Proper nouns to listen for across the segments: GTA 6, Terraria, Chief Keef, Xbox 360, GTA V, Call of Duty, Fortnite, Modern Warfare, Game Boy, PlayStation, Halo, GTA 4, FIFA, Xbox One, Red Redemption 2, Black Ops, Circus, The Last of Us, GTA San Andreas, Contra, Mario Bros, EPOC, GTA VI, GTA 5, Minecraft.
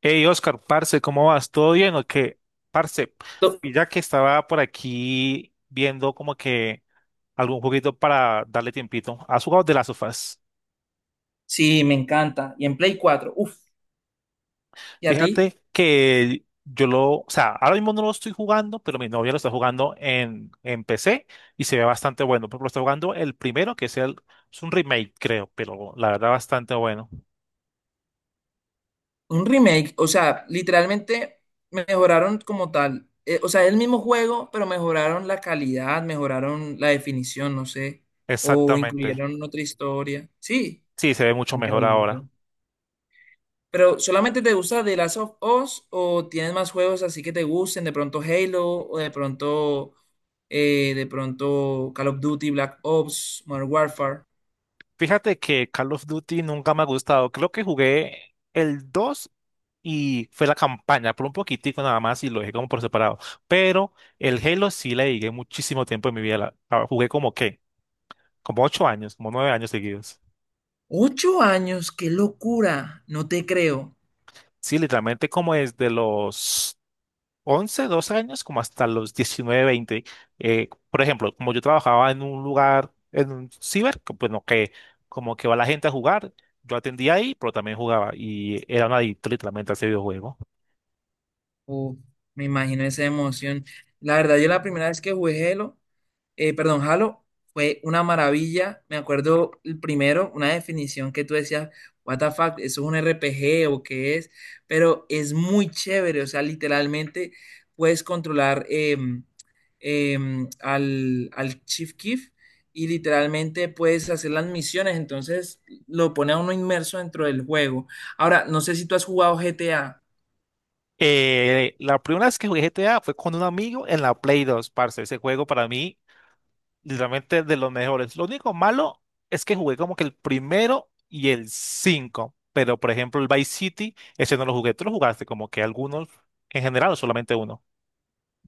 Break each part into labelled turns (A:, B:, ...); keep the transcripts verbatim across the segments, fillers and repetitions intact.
A: Hey, Oscar, parce, ¿cómo vas? ¿Todo bien o qué? Parce, y
B: To-
A: ya que estaba por aquí viendo como que algún juguito para darle tiempito, ¿has jugado de las sofás?
B: Sí, me encanta. Y en Play cuatro, uff, ¿y a ti?
A: Fíjate que yo lo, o sea, ahora mismo no lo estoy jugando, pero mi novia lo está jugando en, en P C y se ve bastante bueno. Pero lo está jugando el primero, que es, el, es un remake, creo, pero la verdad bastante bueno.
B: Un remake, o sea, literalmente mejoraron como tal. Eh, o sea, el mismo juego, pero mejoraron la calidad, mejoraron la definición, no sé, o
A: Exactamente.
B: incluyeron otra historia. Sí,
A: Sí, se ve mucho mejor
B: increíble.
A: ahora.
B: Pero ¿solamente te gusta The Last of Us o tienes más juegos así que te gusten? De pronto Halo o de pronto, eh, de pronto Call of Duty, Black Ops, Modern Warfare.
A: Fíjate que Call of Duty nunca me ha gustado. Creo que jugué el dos y fue la campaña por un poquitico nada más y lo dejé como por separado. Pero el Halo sí le dediqué muchísimo tiempo en mi vida. La- la jugué como qué, como ocho años, como nueve años seguidos.
B: Ocho años, qué locura, no te creo.
A: Sí, literalmente como desde los once doce años, como hasta los diecinueve veinte. Eh, por ejemplo, como yo trabajaba en un lugar, en un ciber, que, bueno, que como que va la gente a jugar, yo atendía ahí, pero también jugaba y era un adicto literalmente a ese videojuego.
B: Uf, me imagino esa emoción. La verdad, yo la primera vez que jugué Halo, eh, perdón, Halo, fue una maravilla. Me acuerdo el primero, una definición que tú decías, what the fuck, ¿eso es un R P G o qué es? Pero es muy chévere, o sea, literalmente puedes controlar em, em, al, al Chief Keef y literalmente puedes hacer las misiones, entonces lo pone a uno inmerso dentro del juego. Ahora, no sé si tú has jugado G T A.
A: Eh, la primera vez que jugué G T A fue con un amigo en la Play dos, parce. Ese juego para mí, literalmente de los mejores. Lo único malo es que jugué como que el primero y el cinco, pero por ejemplo el Vice City, ese no lo jugué. ¿Tú lo jugaste como que algunos en general o solamente uno?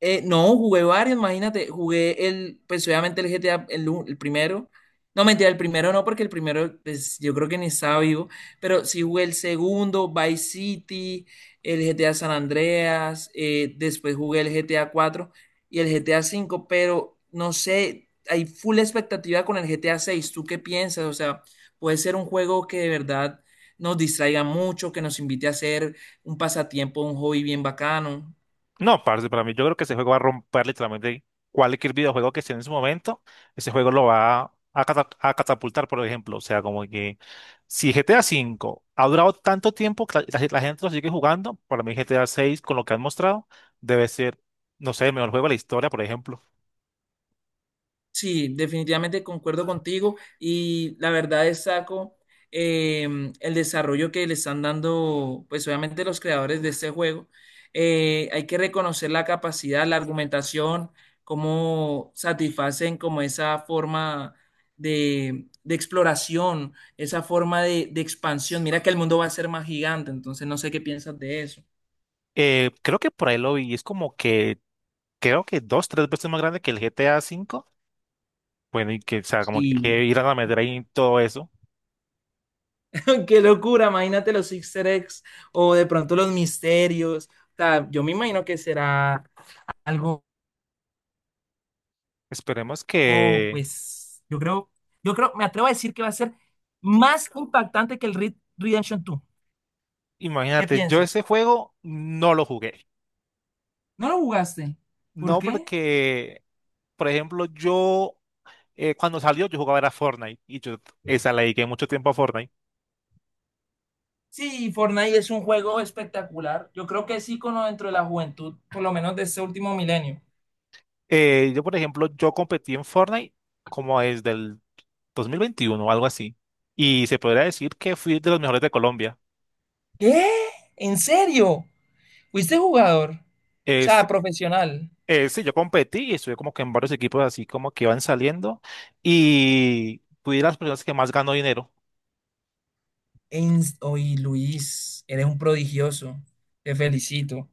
B: Eh, no, jugué varios, imagínate, jugué el, pues obviamente el G T A, el, u- el primero. No, mentira, el primero no, porque el primero, pues yo creo que ni estaba vivo, pero sí jugué el segundo, Vice City, el G T A San Andreas, eh, después jugué el G T A cuatro y el G T A cinco, pero no sé, hay full expectativa con el G T A seis. ¿Tú qué piensas? O sea, puede ser un juego que de verdad nos distraiga mucho, que nos invite a hacer un pasatiempo, un hobby bien bacano.
A: No, parce, para mí yo creo que ese juego va a romper literalmente cualquier videojuego que esté en su momento. Ese juego lo va a, cata- a catapultar, por ejemplo. O sea, como que si G T A cinco ha durado tanto tiempo que la, la- la gente lo sigue jugando, para mí G T A seis, con lo que han mostrado, debe ser, no sé, el mejor juego de la historia, por ejemplo.
B: Sí, definitivamente concuerdo contigo y la verdad destaco em, el desarrollo que le están dando, pues obviamente los creadores de este juego. Eh, hay que reconocer la capacidad, la argumentación, cómo satisfacen como esa forma de, de exploración, esa forma de, de expansión. Mira que el mundo va a ser más gigante, entonces no sé qué piensas de eso.
A: Eh, creo que por ahí lo vi, es como que, creo que dos, tres veces más grande que el G T A cinco. Bueno, y que, o sea, como
B: Sí,
A: que irán a meter ahí todo eso.
B: qué locura, imagínate los Easter eggs o de pronto los misterios. O sea, yo me imagino que será algo,
A: Esperemos
B: oh,
A: que...
B: pues, yo creo, yo creo, me atrevo a decir que va a ser más impactante que el Red Redemption dos. ¿Qué
A: Imagínate, yo
B: piensas?
A: ese juego no lo jugué.
B: ¿No lo jugaste? ¿Por
A: No
B: qué?
A: porque, por ejemplo, yo eh, cuando salió yo jugaba era Fortnite y yo esa le dediqué mucho tiempo a Fortnite.
B: Sí, Fortnite es un juego espectacular. Yo creo que es ícono dentro de la juventud, por lo menos de este último milenio.
A: Eh, yo, por ejemplo, yo competí en Fortnite como desde el dos mil veintiuno o algo así. Y se podría decir que fui de los mejores de Colombia.
B: ¿Qué? ¿En serio? ¿Fuiste jugador? O
A: Es,
B: sea, profesional.
A: eh, sí, yo competí y estuve como que en varios equipos así como que iban saliendo y fui de las personas que más ganó dinero.
B: Ens- Oye, Luis, eres un prodigioso. Te felicito.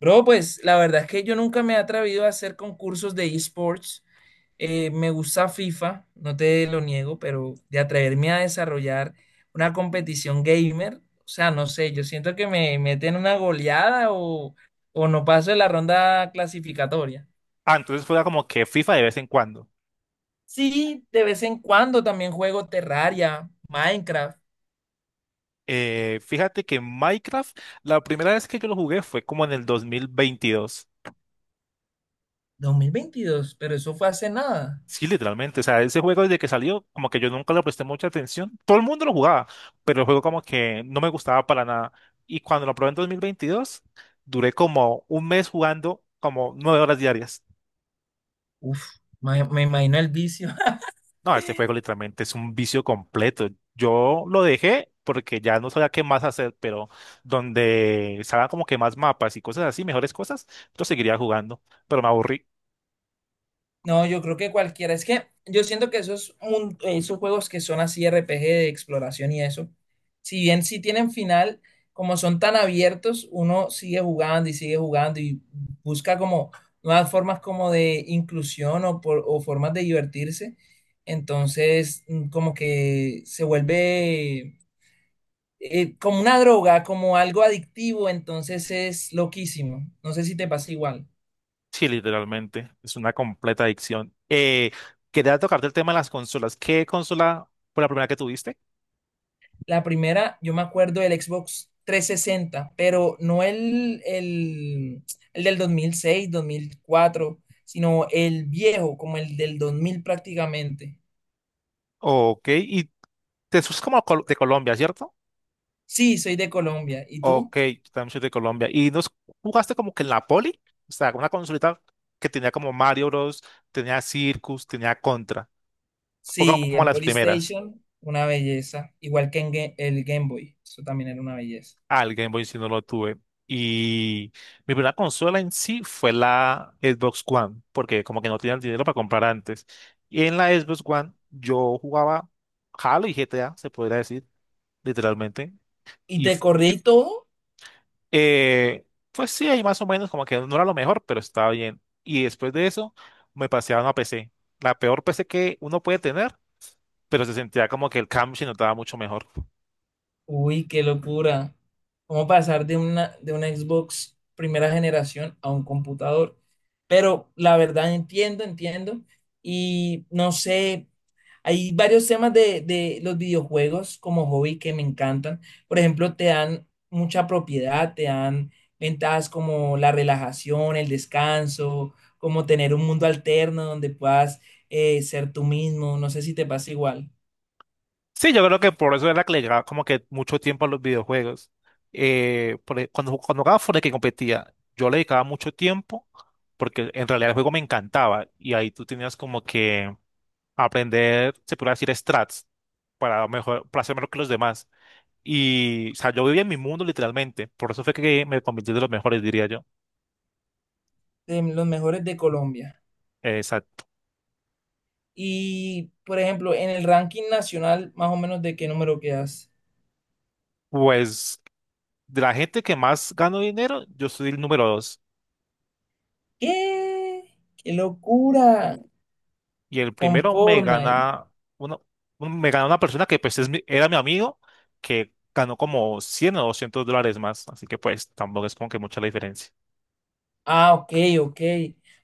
B: Bro, pues la verdad es que yo nunca me he atrevido a hacer concursos de esports. Eh, me gusta FIFA, no te lo niego, pero de atreverme a desarrollar una competición gamer, o sea, no sé, yo siento que me meten una goleada o, o no paso de la ronda clasificatoria.
A: Ah, entonces fuera como que FIFA de vez en cuando.
B: Sí, de vez en cuando también juego Terraria, Minecraft,
A: Eh, fíjate que Minecraft, la primera vez que yo lo jugué fue como en el dos mil veintidós.
B: dos mil veintidós, pero eso fue hace nada.
A: Sí, literalmente. O sea, ese juego desde que salió, como que yo nunca le presté mucha atención. Todo el mundo lo jugaba, pero el juego como que no me gustaba para nada. Y cuando lo probé en dos mil veintidós, duré como un mes jugando como nueve horas diarias.
B: Uf, me, me imagino el vicio.
A: No, este juego literalmente es un vicio completo. Yo lo dejé porque ya no sabía qué más hacer, pero donde salgan como que más mapas y cosas así, mejores cosas, yo seguiría jugando, pero me aburrí.
B: No, yo creo que cualquiera. Es que yo siento que esos, mun- esos juegos que son así R P G de exploración y eso, si bien sí tienen final, como son tan abiertos, uno sigue jugando y sigue jugando y busca como nuevas formas como de inclusión o, por- o formas de divertirse. Entonces, mm, como que se vuelve eh, como una droga, como algo adictivo, entonces es loquísimo. No sé si te pasa igual.
A: Sí, literalmente. Es una completa adicción. Eh, quería tocarte el tema de las consolas. ¿Qué consola fue la primera que tuviste?
B: La primera, yo me acuerdo del Xbox trescientos sesenta, pero no el, el, el del dos mil seis, dos mil cuatro, sino el viejo, como el del dos mil prácticamente.
A: Ok, y te sos como col- de Colombia, ¿cierto?
B: Sí, soy de Colombia. ¿Y tú?
A: Ok, yo también soy de Colombia. ¿Y nos jugaste como que en la poli? O sea, una consolita que tenía como Mario Bros, tenía Circus, tenía Contra. Fue como
B: Sí,
A: como
B: el
A: las primeras.
B: PlayStation una belleza. Igual que en Ga- el Game Boy, eso también era una belleza.
A: Al Game Boy si no lo tuve. Y mi primera consola en sí fue la Xbox One, porque como que no tenía el dinero para comprar antes. Y en la Xbox One yo jugaba Halo y G T A, se podría decir, literalmente.
B: ¿Y
A: Y
B: te
A: f-
B: corrí todo?
A: eh, pues sí, ahí más o menos como que no era lo mejor, pero estaba bien. Y después de eso me pasé a una P C, la peor P C que uno puede tener, pero se sentía como que el cambio se notaba mucho mejor.
B: Uy, qué locura. ¿Cómo pasar de una, de una Xbox primera generación a un computador? Pero la verdad entiendo, entiendo. Y no sé, hay varios temas de, de los videojuegos como hobby que me encantan. Por ejemplo, te dan mucha propiedad, te dan ventajas como la relajación, el descanso, como tener un mundo alterno donde puedas eh, ser tú mismo. No sé si te pasa igual.
A: Sí, yo creo que por eso era que le llegaba como que mucho tiempo a los videojuegos. Eh, por e- cuando, cuando jugaba Fortnite que competía, yo le dedicaba mucho tiempo porque en realidad el juego me encantaba y ahí tú tenías como que aprender, se puede decir, strats para, mejor, para ser mejor que los demás. Y, o sea, yo vivía en mi mundo literalmente, por eso fue que me convertí de los mejores, diría yo.
B: De los mejores de Colombia.
A: Exacto.
B: Y, por ejemplo, en el ranking nacional, más o menos, ¿de qué número quedas?
A: Pues de la gente que más gano dinero, yo soy el número dos.
B: ¿Qué? ¡Qué locura!
A: Y el
B: Con
A: primero me
B: Fortnite.
A: gana uno, un- me gana una persona que pues es mi- era mi amigo, que ganó como cien o doscientos dólares más, así que pues tampoco es como que mucha la diferencia.
B: Ah, ok, ok.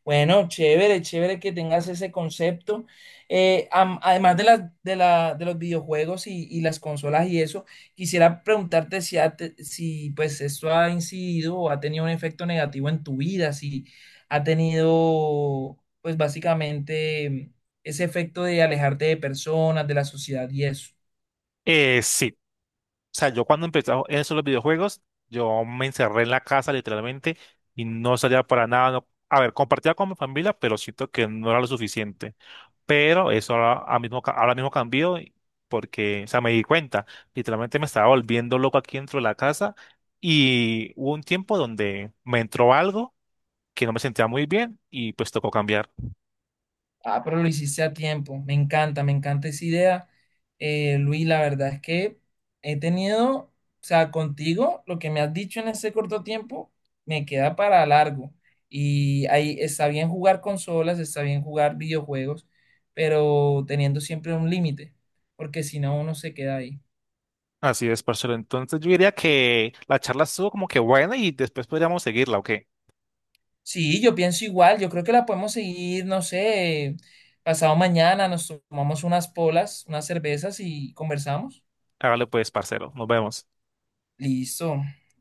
B: Bueno, chévere, chévere que tengas ese concepto. Eh, am- además de las de la, de los videojuegos y, y las consolas y eso, quisiera preguntarte si, ha te- si pues esto ha incidido o ha tenido un efecto negativo en tu vida, si ha tenido pues básicamente ese efecto de alejarte de personas, de la sociedad y eso.
A: Eh, sí, o sea, yo cuando empecé en esos los videojuegos, yo me encerré en la casa literalmente y no salía para nada, no, a ver, compartía con mi familia, pero siento que no era lo suficiente. Pero eso ahora, ahora mismo, ca- ahora mismo cambió y porque, o sea, me di cuenta, literalmente me estaba volviendo loco aquí dentro de la casa y hubo un tiempo donde me entró algo que no me sentía muy bien y pues tocó cambiar.
B: Ah, pero lo hiciste a tiempo. Me encanta, me encanta esa idea. Eh, Luis, la verdad es que he tenido, o sea, contigo, lo que me has dicho en ese corto tiempo, me queda para largo. Y ahí está bien jugar consolas, está bien jugar videojuegos, pero teniendo siempre un límite, porque si no, uno se queda ahí.
A: Así es, parcero. Entonces yo diría que la charla estuvo como que buena y después podríamos seguirla, ¿ok?
B: Sí, yo pienso igual, yo creo que la podemos seguir, no sé, pasado mañana nos tomamos unas polas, unas cervezas y conversamos.
A: Hágale pues, parcero. Nos vemos.
B: Listo. Nos